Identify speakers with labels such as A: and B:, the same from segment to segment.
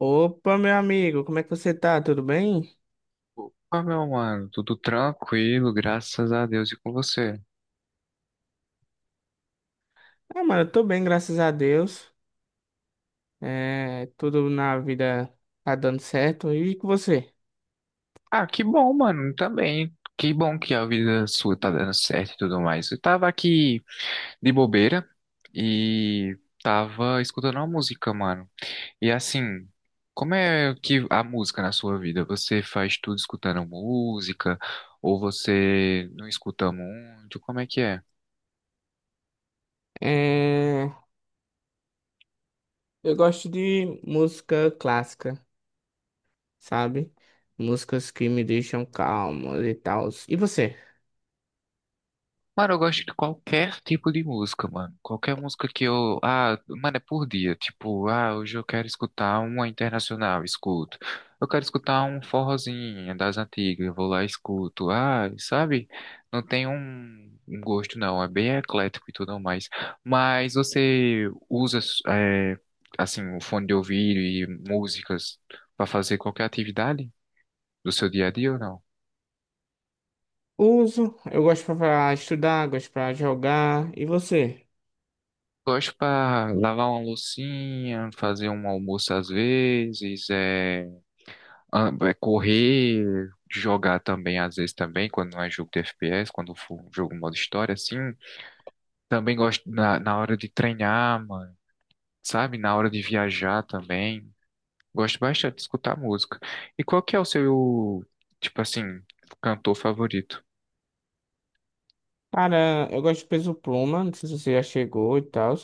A: Opa, meu amigo, como é que você tá? Tudo bem?
B: Ah, meu mano, tudo tranquilo, graças a Deus e com você.
A: Ah, mano, eu tô bem, graças a Deus. É, tudo na vida tá dando certo. E com você?
B: Ah, que bom, mano, também. Que bom que a vida sua tá dando certo e tudo mais. Eu tava aqui de bobeira e tava escutando uma música, mano. E assim, como é que a música na sua vida? Você faz tudo escutando música ou você não escuta muito? Como é que é?
A: É, eu gosto de música clássica, sabe? Músicas que me deixam calmo e tal. E você?
B: Mano, eu gosto de qualquer tipo de música, mano. Qualquer música que eu. Ah, mano, é por dia. Tipo, ah, hoje eu quero escutar uma internacional, escuto. Eu quero escutar um forrozinho das antigas, eu vou lá e escuto. Ah, sabe? Não tem um gosto, não. É bem eclético e tudo mais. Mas você usa, é, assim, o fone de ouvido e músicas pra fazer qualquer atividade do seu dia a dia ou não?
A: Uso, eu gosto pra estudar, gosto pra jogar. E você?
B: Gosto para lavar uma loucinha, fazer um almoço às vezes, é correr, jogar também às vezes também, quando não é jogo de FPS, quando for um jogo modo história, assim. Também gosto na hora de treinar, mano, sabe? Na hora de viajar também. Gosto bastante de escutar música. E qual que é o seu, tipo assim, cantor favorito?
A: Cara, eu gosto de Peso Pluma, não sei se você já chegou e tal.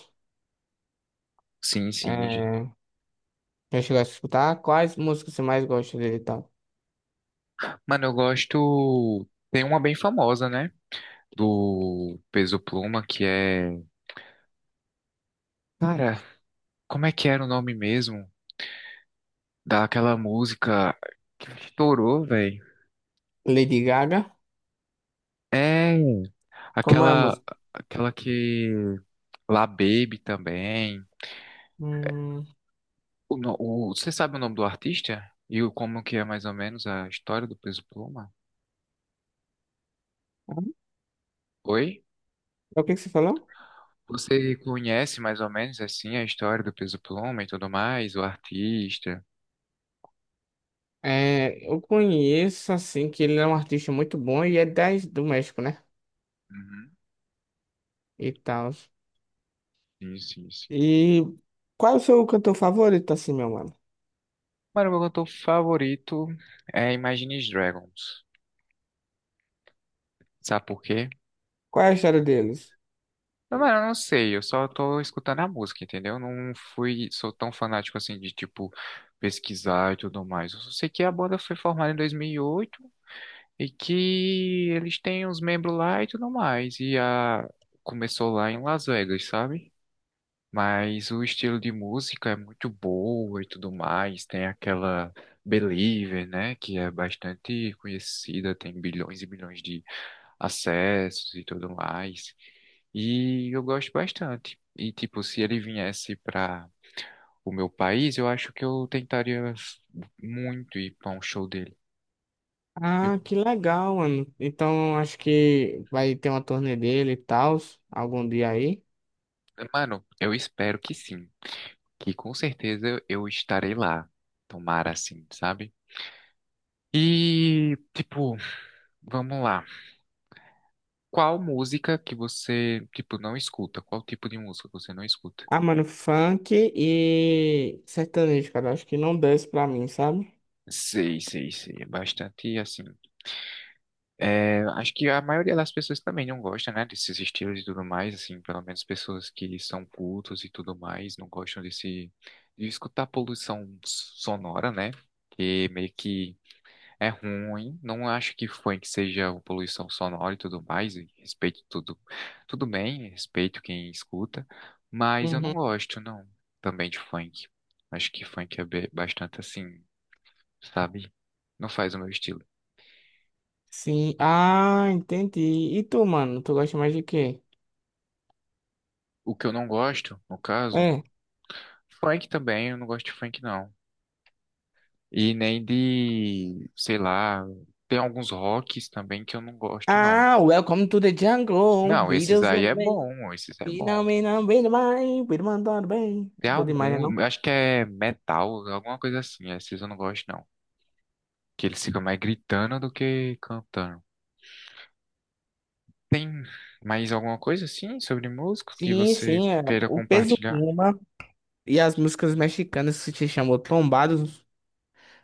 B: Sim, sim.
A: É, já chegou a escutar? Quais músicas você mais gosta dele e tal?
B: Mano, eu gosto. Tem uma bem famosa, né? Do Peso Pluma, que é. Cara, como é que era o nome mesmo daquela música que estourou, velho?
A: Lady Gaga.
B: É,
A: Como é a
B: aquela,
A: música?
B: aquela que... La Baby também.
A: Hum,
B: O, no- o- Você sabe o nome do artista? E o, como que é mais ou menos a história do Peso Pluma? Oi?
A: é o que você falou?
B: Você conhece mais ou menos assim a história do Peso Pluma e tudo mais, o artista?
A: É, eu conheço, assim, que ele é um artista muito bom e é das do México, né?
B: Uhum.
A: E tal.
B: Sim, sim, sim.
A: E qual é o seu cantor favorito, assim, meu mano?
B: Mano, meu cantor favorito é Imagine Dragons. Sabe por quê?
A: Qual é a história deles?
B: Não, mano, eu não sei, eu só tô escutando a música, entendeu? Eu não fui, sou tão fanático assim de, tipo, pesquisar e tudo mais. Eu só sei que a banda foi formada em 2008 e que eles têm uns membros lá e tudo mais. E a... começou lá em Las Vegas, sabe? Mas o estilo de música é muito boa e tudo mais. Tem aquela Believer, né? Que é bastante conhecida, tem bilhões e bilhões de acessos e tudo mais. E eu gosto bastante. E, tipo, se ele viesse para o meu país, eu acho que eu tentaria muito ir para um show dele. E,
A: Ah, que legal, mano. Então, acho que vai ter uma turnê dele e tal, algum dia aí.
B: mano, eu espero que sim. Que com certeza eu estarei lá. Tomara assim, sabe? E, tipo, vamos lá. Qual música que você, tipo, não escuta? Qual tipo de música você não escuta?
A: Ah, mano, funk e sertanejo, cara. Acho que não desce pra mim, sabe?
B: Sei, sei, sei. É bastante assim. É, acho que a maioria das pessoas também não gosta, né, desses estilos e tudo mais, assim, pelo menos pessoas que são cultos e tudo mais, não gostam desse, de escutar poluição sonora, né, que meio que é ruim, não acho que foi que seja uma poluição sonora e tudo mais, e respeito tudo, tudo bem, respeito quem escuta, mas eu não
A: Uhum.
B: gosto, não, também de funk, acho que funk é bastante assim, sabe, não faz o meu estilo.
A: Sim. Ah, entendi. E tu, mano? Tu gosta mais de quê?
B: O que eu não gosto, no caso,
A: É.
B: funk também, eu não gosto de funk não. E nem de, sei lá, tem alguns rocks também que eu não gosto não.
A: Ah, welcome to the jungle.
B: Não, esses
A: Videos
B: aí
A: that
B: é
A: way.
B: bom, esses é bom.
A: Finalmente, bem demais. Bem mandado bem.
B: Tem
A: Bom demais, né,
B: algum,
A: não?
B: acho que é metal, alguma coisa assim, esses eu não gosto não. Que eles ficam mais gritando do que cantando. Tem mais alguma coisa assim sobre música que
A: Sim,
B: você
A: sim. É.
B: queira
A: O Peso
B: compartilhar?
A: Pluma e as músicas mexicanas que se chamam Trombados.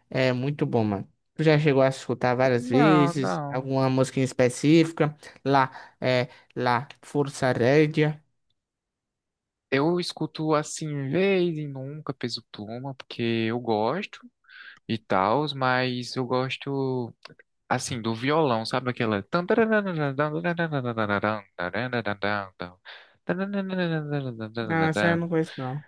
A: É muito bom, mano. Tu já chegou a escutar várias
B: Não,
A: vezes?
B: não.
A: Alguma música em específica? Lá, é, lá, Força Rédea.
B: Eu escuto assim, vez e nunca, Peso Pluma, porque eu gosto. E tals, mas eu gosto, assim, do violão, sabe aquela...
A: Não, essa eu não conheço, não.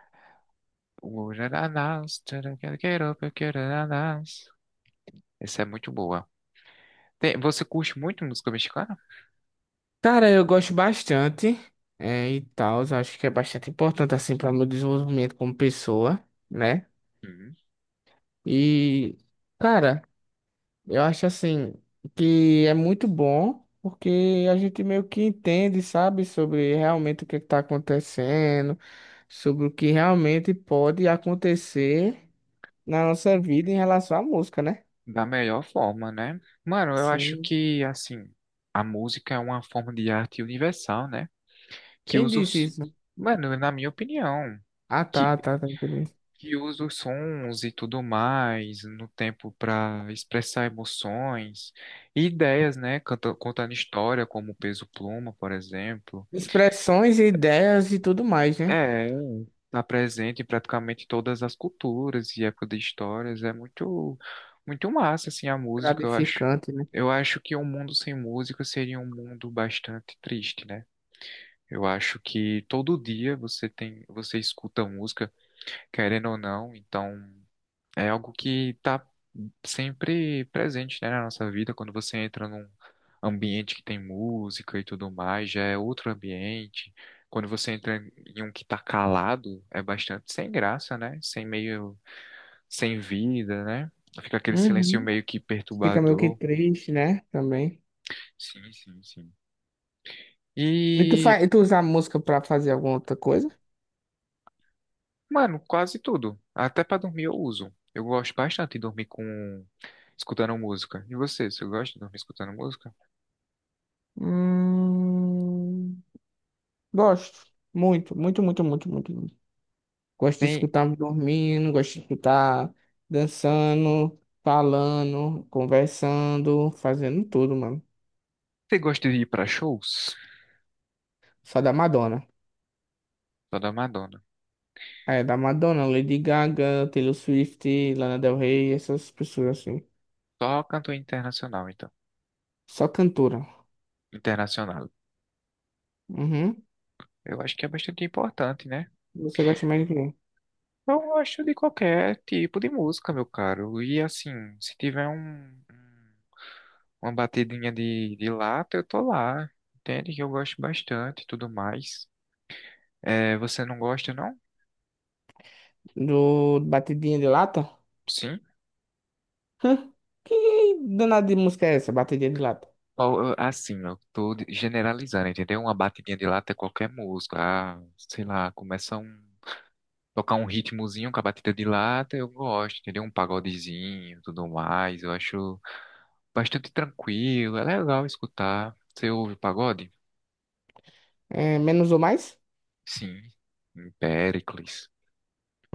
B: Essa é muito boa. Você curte muito música mexicana?
A: Cara, eu gosto bastante, é, e tal. Acho que é bastante importante, assim, para meu desenvolvimento como pessoa, né?
B: Sim.
A: E, cara, eu acho, assim, que é muito bom, porque a gente meio que entende, sabe, sobre realmente o que está acontecendo, sobre o que realmente pode acontecer na nossa vida em relação à música, né?
B: Da melhor forma, né? Mano, eu acho
A: Sim.
B: que, assim, a música é uma forma de arte universal, né? Que
A: Quem
B: usa
A: disse
B: os...
A: isso?
B: Mano, na minha opinião.
A: Ah,
B: que,
A: tá, tá, tá, entendi.
B: que usa os sons e tudo mais no tempo para expressar emoções e ideias, né? Canta, contando história, como o Peso Pluma, por exemplo.
A: Expressões, ideias e tudo mais, né?
B: É, está presente em praticamente todas as culturas e época de histórias. É muito, muito massa, assim, a música, eu acho.
A: Gratificante, né?
B: Eu acho que um mundo sem música seria um mundo bastante triste, né? Eu acho que todo dia você tem, você escuta música, querendo ou não, então é algo que está sempre presente, né, na nossa vida. Quando você entra num ambiente que tem música e tudo mais, já é outro ambiente. Quando você entra em um que está calado, é bastante sem graça, né? Sem meio, sem vida, né? Fica aquele silêncio
A: Uhum.
B: meio que
A: Fica meio que
B: perturbador.
A: triste, né? Também.
B: Sim, sim, sim.
A: E tu,
B: E,
A: fa... e tu usa a música pra fazer alguma outra coisa?
B: mano, quase tudo. Até para dormir eu uso. Eu gosto bastante de dormir com escutando música. E você, você gosta de dormir escutando música?
A: Hum. Gosto. Muito, muito, muito, muito, muito, muito. Gosto de
B: Tem,
A: escutar dormindo, gosto de escutar dançando, falando, conversando, fazendo tudo, mano.
B: você gosta de ir pra shows?
A: Só da Madonna.
B: Sou da Madonna.
A: É, da Madonna, Lady Gaga, Taylor Swift, Lana Del Rey, essas pessoas assim.
B: Só cantor internacional, então.
A: Só cantora.
B: Internacional.
A: Uhum.
B: Eu acho que é bastante importante, né?
A: Você gosta mais do quê?
B: Eu gosto de qualquer tipo de música, meu caro. E assim, se tiver uma batidinha de lata, eu tô lá. Entende que eu gosto bastante e tudo mais. É, você não gosta, não?
A: Do Batidinha de Lata?
B: Sim.
A: Hã? Que danada de música é essa, Batidinha de Lata?
B: Ó, eu- assim, eu tô de- generalizando, entendeu? Uma batidinha de lata é qualquer música. Ah, sei lá, começa um. Tocar um ritmozinho com a batida de lata, eu gosto, entendeu? Um pagodezinho, tudo mais. Eu acho bastante tranquilo, é legal escutar. Você ouve pagode?
A: É, menos ou mais?
B: Sim. Péricles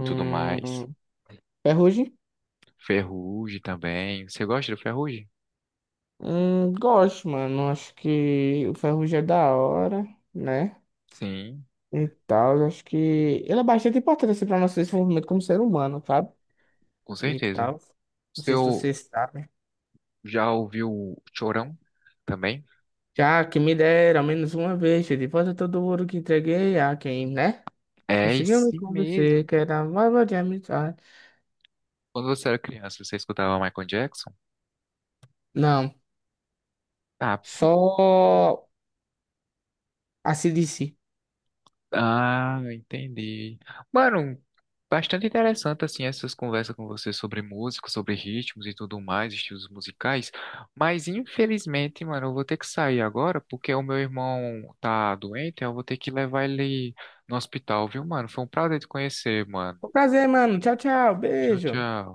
B: e tudo mais.
A: Ferrugem?
B: Ferrugem também. Você gosta do Ferrugem?
A: Gosto, mano. Acho que o Ferrugem é da hora, né?
B: Sim,
A: E tal, acho que ele é bastante importante assim, para nosso desenvolvimento como ser humano, sabe?
B: com
A: E
B: certeza.
A: tal. Não
B: Você
A: sei se
B: ou-
A: você sabe.
B: Já ouviu o Chorão também?
A: Já que me deram ao menos uma vez, de volta todo o ouro que entreguei a quem, né?
B: É
A: Conseguiu me
B: esse mesmo.
A: convencer que era uma de amizade.
B: Quando você era criança, você escutava Michael Jackson?
A: Não,
B: Ah,
A: só a CDC.
B: ah, entendi. Mano, bastante interessante assim essas conversas com você sobre música, sobre ritmos e tudo mais, estilos musicais. Mas infelizmente, mano, eu vou ter que sair agora porque o meu irmão tá doente, eu vou ter que levar ele no hospital, viu, mano? Foi um prazer te conhecer, mano.
A: Foi um prazer, mano. Tchau, tchau.
B: Tchau,
A: Beijo.
B: tchau.